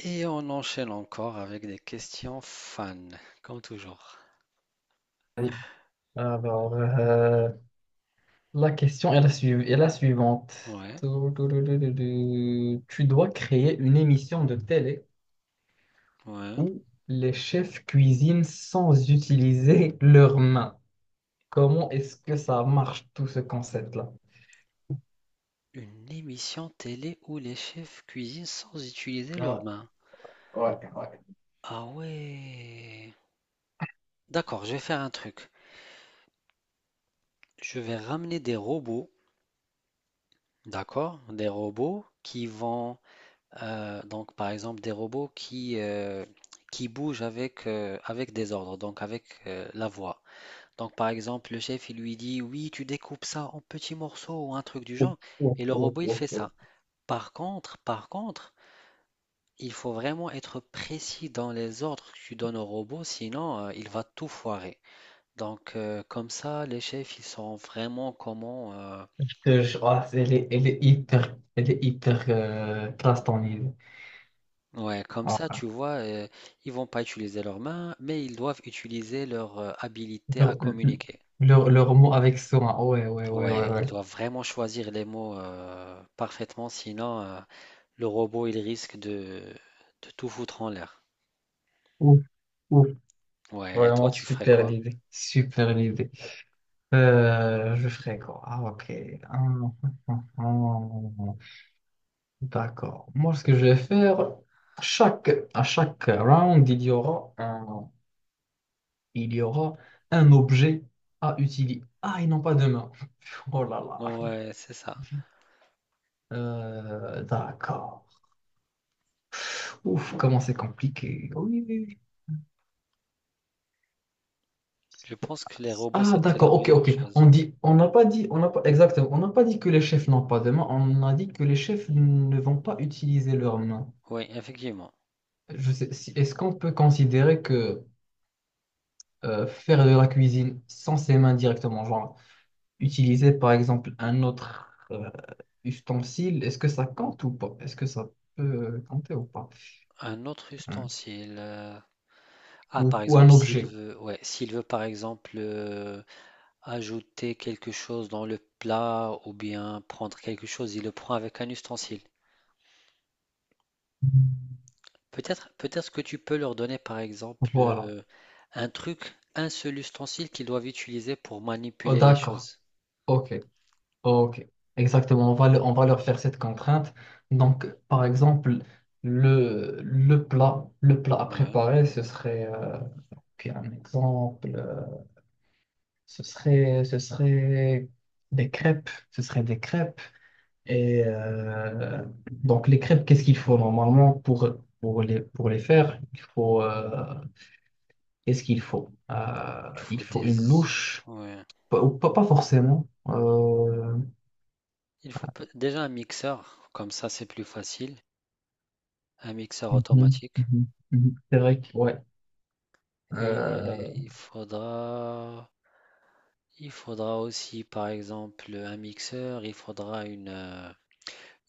Et on enchaîne encore avec des questions fans, comme toujours. Oui. Ouais, Alors, euh, la question est est la suivante. ouais. Tou- tou- tou- tou- tou- tou. Tu dois créer une émission de télé ouais. où les chefs cuisinent sans utiliser leurs mains. Comment est-ce que ça marche, tout ce concept-là? Une émission télé où les chefs cuisinent sans utiliser leurs Ouais, mains. Ouais. Ah ouais. D'accord, je vais faire un truc. Je vais ramener des robots, d'accord? Des robots qui vont, donc par exemple des robots qui bougent avec des ordres, donc avec la voix. Donc, par exemple, le chef, il lui dit, oui, tu découpes ça en petits morceaux ou un truc du Ouf, genre, ouf, et le ouf, robot, il ouf, fait ouf. ça. Par contre, il faut vraiment être précis dans les ordres que tu donnes au robot, sinon, il va tout foirer. Donc, comme ça, les chefs, ils sont vraiment comment. Te jure, ah, elle est hyper classe ton idée. Ouais, comme ça, Ah, tu vois, ils vont pas utiliser leurs mains, mais ils doivent utiliser leur habilité à Leur, communiquer. Leur mot avec soin. Ouais, ouais, ouais, ouais, Ouais, ils ouais. doivent vraiment choisir les mots parfaitement, sinon. Le robot, il risque de tout foutre en l'air. Ouf, ouf. Ouais, et toi, Vraiment tu ferais super quoi? l'idée, super l'idée. Je ferai quoi? Ah, ok. Hum, hum, hum, hum. hum, hum. D'accord. Moi, ce que je vais faire, à chaque round, il y aura un objet à utiliser. Ah, ils n'ont pas de main. Oh là là. Ouais, c'est ça. D'accord. Ouf, comment c'est compliqué. Oui, oui, oui. Je pense que les robots, Ah, c'était la d'accord, ok, meilleure ok. chose. On n'a pas dit, on n'a pas, exactement, on n'a pas dit que les chefs n'ont pas de main, on a dit que les chefs ne vont pas utiliser leurs mains. Oui, effectivement. Je sais, si- Est-ce qu'on peut considérer que faire de la cuisine sans ses mains directement, genre utiliser par exemple un autre ustensile, est-ce que ça compte ou pas? Est-ce que ça peut compter ou pas? Un autre Hein. ustensile. Ah, par Ou un exemple, s'il objet. veut, ouais, s'il veut, par exemple, ajouter quelque chose dans le plat ou bien prendre quelque chose, il le prend avec un ustensile. Peut-être, peut-être que tu peux leur donner, par exemple, Voilà. Un truc, un seul ustensile qu'ils doivent utiliser pour Oh, manipuler les d'accord. choses. Ok. Ok, exactement. On va leur faire cette contrainte. Donc, par exemple, le plat à Ouais. préparer, puis un exemple, ce serait des crêpes. Ce serait des crêpes. Et euh, les crêpes, qu'est-ce qu'il faut normalement pour, pour les faire? Qu'est-ce qu'il faut? Il Il faut faut des. une louche, Ouais. pas, ou pas, pas forcément. Il faut déjà un mixeur, comme ça c'est plus facile, un mixeur Mhm, automatique. mhm. Mhm. C'est vrai que, ouais. Euh, Et il faudra aussi, par exemple, un mixeur, il faudra une, euh,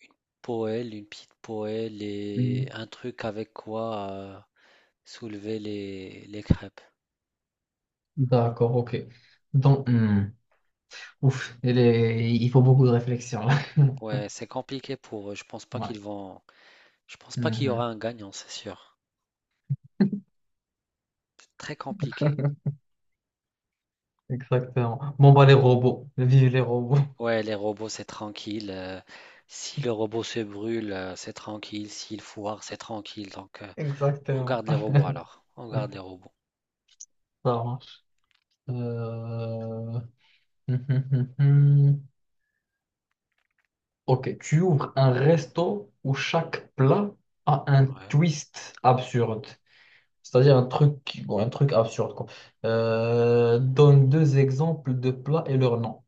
une poêle, une petite poêle et mm, un truc avec quoi soulever les crêpes. d'accord, ok. Donc, hmm, ouf, il faut beaucoup de réflexion là. Ouais, c'est compliqué pour eux. Ouais, Je pense pas qu'il y aura mhm, un gagnant, c'est sûr. C'est très compliqué. exactement. Bon, bah, les robots. Vive les robots. Ouais, les robots, c'est tranquille. Si le robot se brûle, c'est tranquille. S'il foire, c'est tranquille. Donc, on Exactement. garde les robots alors. On garde les robots. Ça marche. Euh, Ok, tu ouvres un resto où chaque plat a un Ouais. twist absurde. C'est-à-dire un truc, qui- bon, un truc absurde, quoi. Donne deux exemples de plats et leur nom.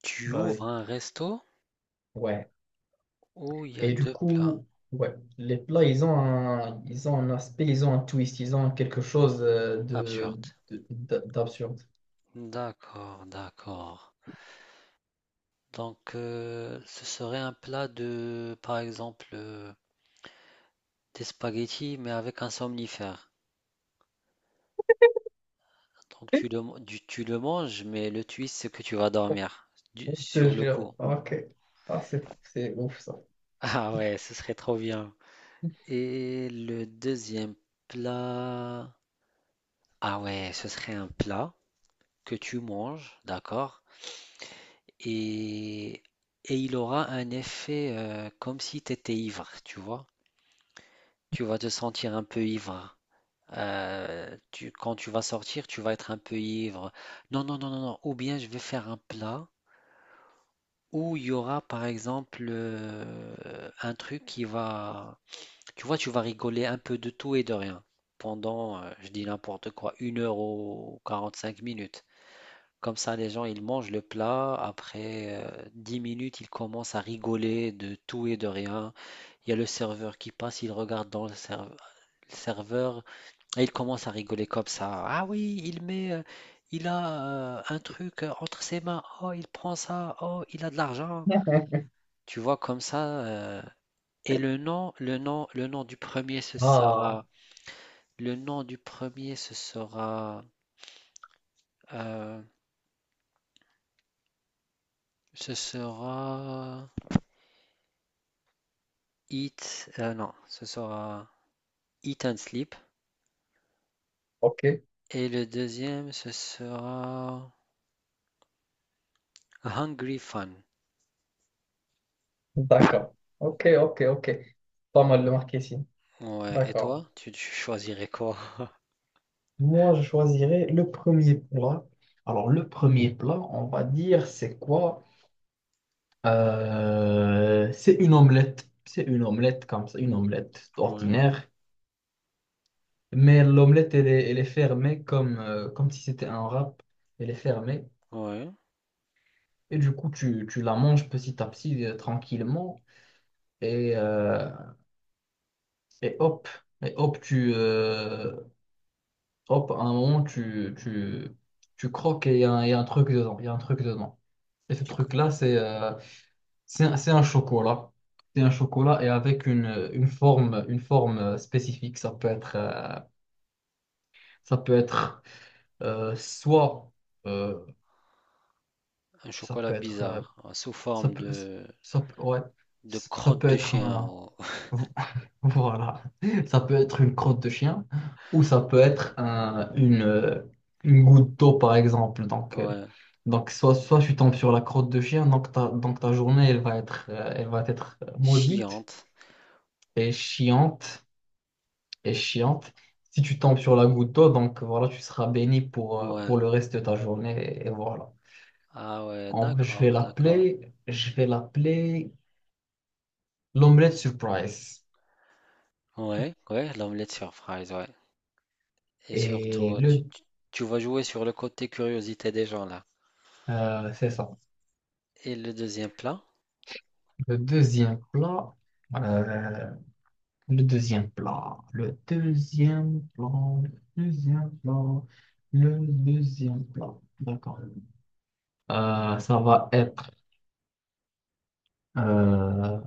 Tu ouvres Vas-y. un resto Ouais. où il y a Et du deux plats. coup, ouais, les plats, ils ont un aspect, ils ont quelque chose Absurde. D'absurde. D'accord, d'accord. Donc, ce serait un plat de, par exemple, des spaghettis, mais avec un somnifère. Donc, tu le manges, mais le twist, c'est que tu vas dormir Je te sur le coup. jure. Ok. Ah, c'est ouf ça. Ah ouais, ce serait trop bien. Et le deuxième plat, ah ouais, ce serait un plat que tu manges, d'accord? Et, et il aura un effet comme si tu étais ivre, tu vois? Tu vas te sentir un peu ivre. Hein. Quand tu vas sortir, tu vas être un peu ivre. Non, non, non, non, non. Ou bien je vais faire un plat où il y aura, par exemple, un truc qui va. Tu vois, tu vas rigoler un peu de tout et de rien pendant, je dis n'importe quoi, une heure ou 45 minutes. Comme ça, les gens, ils mangent le plat. Après 10 minutes, ils commencent à rigoler de tout et de rien. Il y a le serveur qui passe, il regarde dans le serveur et il commence à rigoler comme ça. Ah oui, il a un truc entre ses mains. Oh, il prend ça. Oh, il a de l'argent. Tu vois, comme ça. Et le nom, du premier, ce Ah, sera. Le nom du premier ce sera euh, ce sera Eat, non, ce sera Eat and Sleep, ok. et le deuxième ce sera Hungry Fun. D'accord. Ok, ok, ok. Pas mal le marketing. Ouais, et D'accord. toi, tu choisirais quoi? Moi, je choisirais le premier plat. Alors, le premier plat, on va dire, c'est quoi? C'est une omelette. C'est une omelette comme ça, une omelette Ouais, ordinaire. Mais l'omelette, elle est fermée comme, comme si c'était un wrap. Elle est fermée. ouais. Tu la manges petit à petit, tranquillement. Et, euh, et hop, et hop, hop, à un moment, tu croques et il y a un truc dedans. Il y a un truc dedans. Et ce Du coup, truc-là, c'est un, C'est un chocolat. C'est un chocolat et avec une, une forme spécifique. Ça peut être soit... euh, un ça chocolat peut être bizarre, sous Ça forme peut, de, ça peut, ouais, de ça crotte peut de être chien. un, voilà, ça peut être une crotte de chien ou ça peut être une goutte d'eau par exemple. Ouais, Soit tu tombes sur la crotte de chien, donc ta journée elle va être maudite chiante. et chiante et chiante Si tu tombes sur la goutte d'eau, donc voilà, tu seras béni Ouais. pour le reste de ta journée et voilà. Ah ouais, d'accord, d'accord. Je vais l'appeler l'omelette surprise. Ouais, ouais, l'omelette sur fries, ouais. Et Et surtout, tu, le, tu- tu vas jouer sur le côté curiosité des gens là. C'est ça. Et le deuxième plat? Le deuxième plat, euh, le deuxième plat, le deuxième plat, le deuxième plat, Le deuxième plat. D'accord. Euh, ça va être, euh,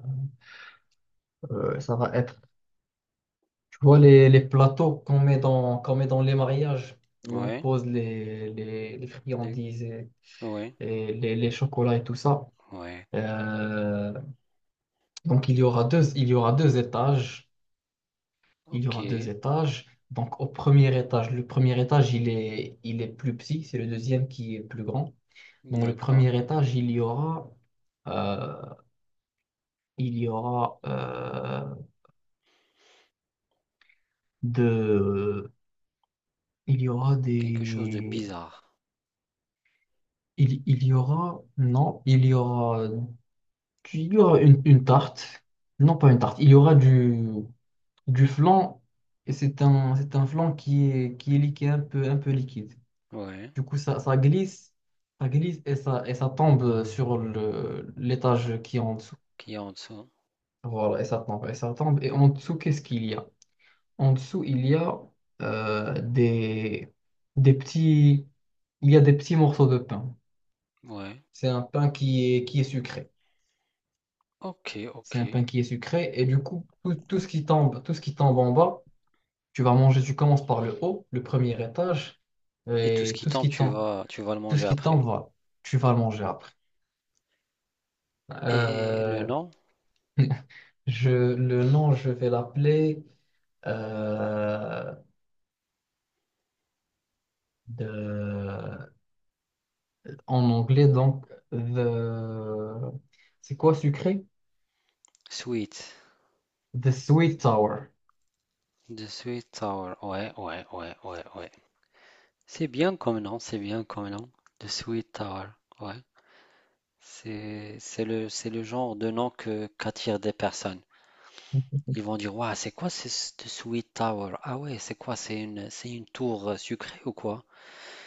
Ça va être, tu vois les plateaux qu'on met dans les mariages où on Ouais, pose les, les le- friandises ouais, et les chocolats et tout ça. ouais. Euh, il y aura deux étages. Il y Ok, aura deux étages. Donc, au premier étage, le premier étage, il est plus petit, c'est le deuxième qui est plus grand. Dans le premier d'accord. étage, euh, il y aura, de, il y aura Quelque chose de des, bizarre. Il y aura, non, il y aura une tarte. Non, pas une tarte, il y aura du flan, et c'est un flan qui est liquide, un peu liquide. Ouais, Du coup, ça, ça glisse, ça glisse et et ça tombe sur le, l'étage qui est en dessous. qui est en dessous. Voilà, et ça tombe, et ça tombe. Et en dessous, qu'est-ce qu'il y a? En dessous, euh, des, des petits, il y a des petits morceaux de pain. Ouais. C'est un pain qui est sucré. Ok, ok. C'est un pain qui est sucré. Et du coup, tout, tout ce qui tombe en bas, tu vas manger, tu commences par le haut, le premier étage, Et tout ce et qui tout ce tombe, qui tu tombe, vas, tu vas le tout ce manger qui après. tombe, voilà, tu vas le manger après. Et le Euh, nom? le nom, je vais l'appeler euh, de- en anglais, donc, the, c'est quoi sucré? Sweet. The Sweet Tower. The Sweet Tower. Ouais, ouais, ouais, ouais, ouais. C'est bien comme nom, c'est bien comme nom. The Sweet Tower. Ouais. C'est le genre de nom que, qu'attirent des personnes. Ils vont dire, ouais, c'est quoi cette Sweet Tower? Ah ouais, c'est quoi? C'est une tour sucrée ou quoi?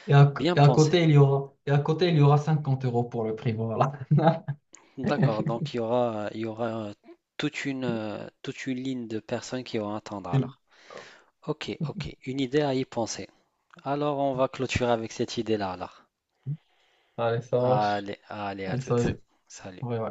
Bien Et à pensé. côté, et à côté, il y aura 50 € pour le prix, voilà. D'accord, donc il y aura toute une ligne de personnes qui vont attendre alors. Ok, ok, une idée à y penser. Alors on va clôturer avec cette idée-là alors. Allez, ça marche. Allez, allez, à Allez, ça, toutes. j'ai- Salut. ouais, ouais.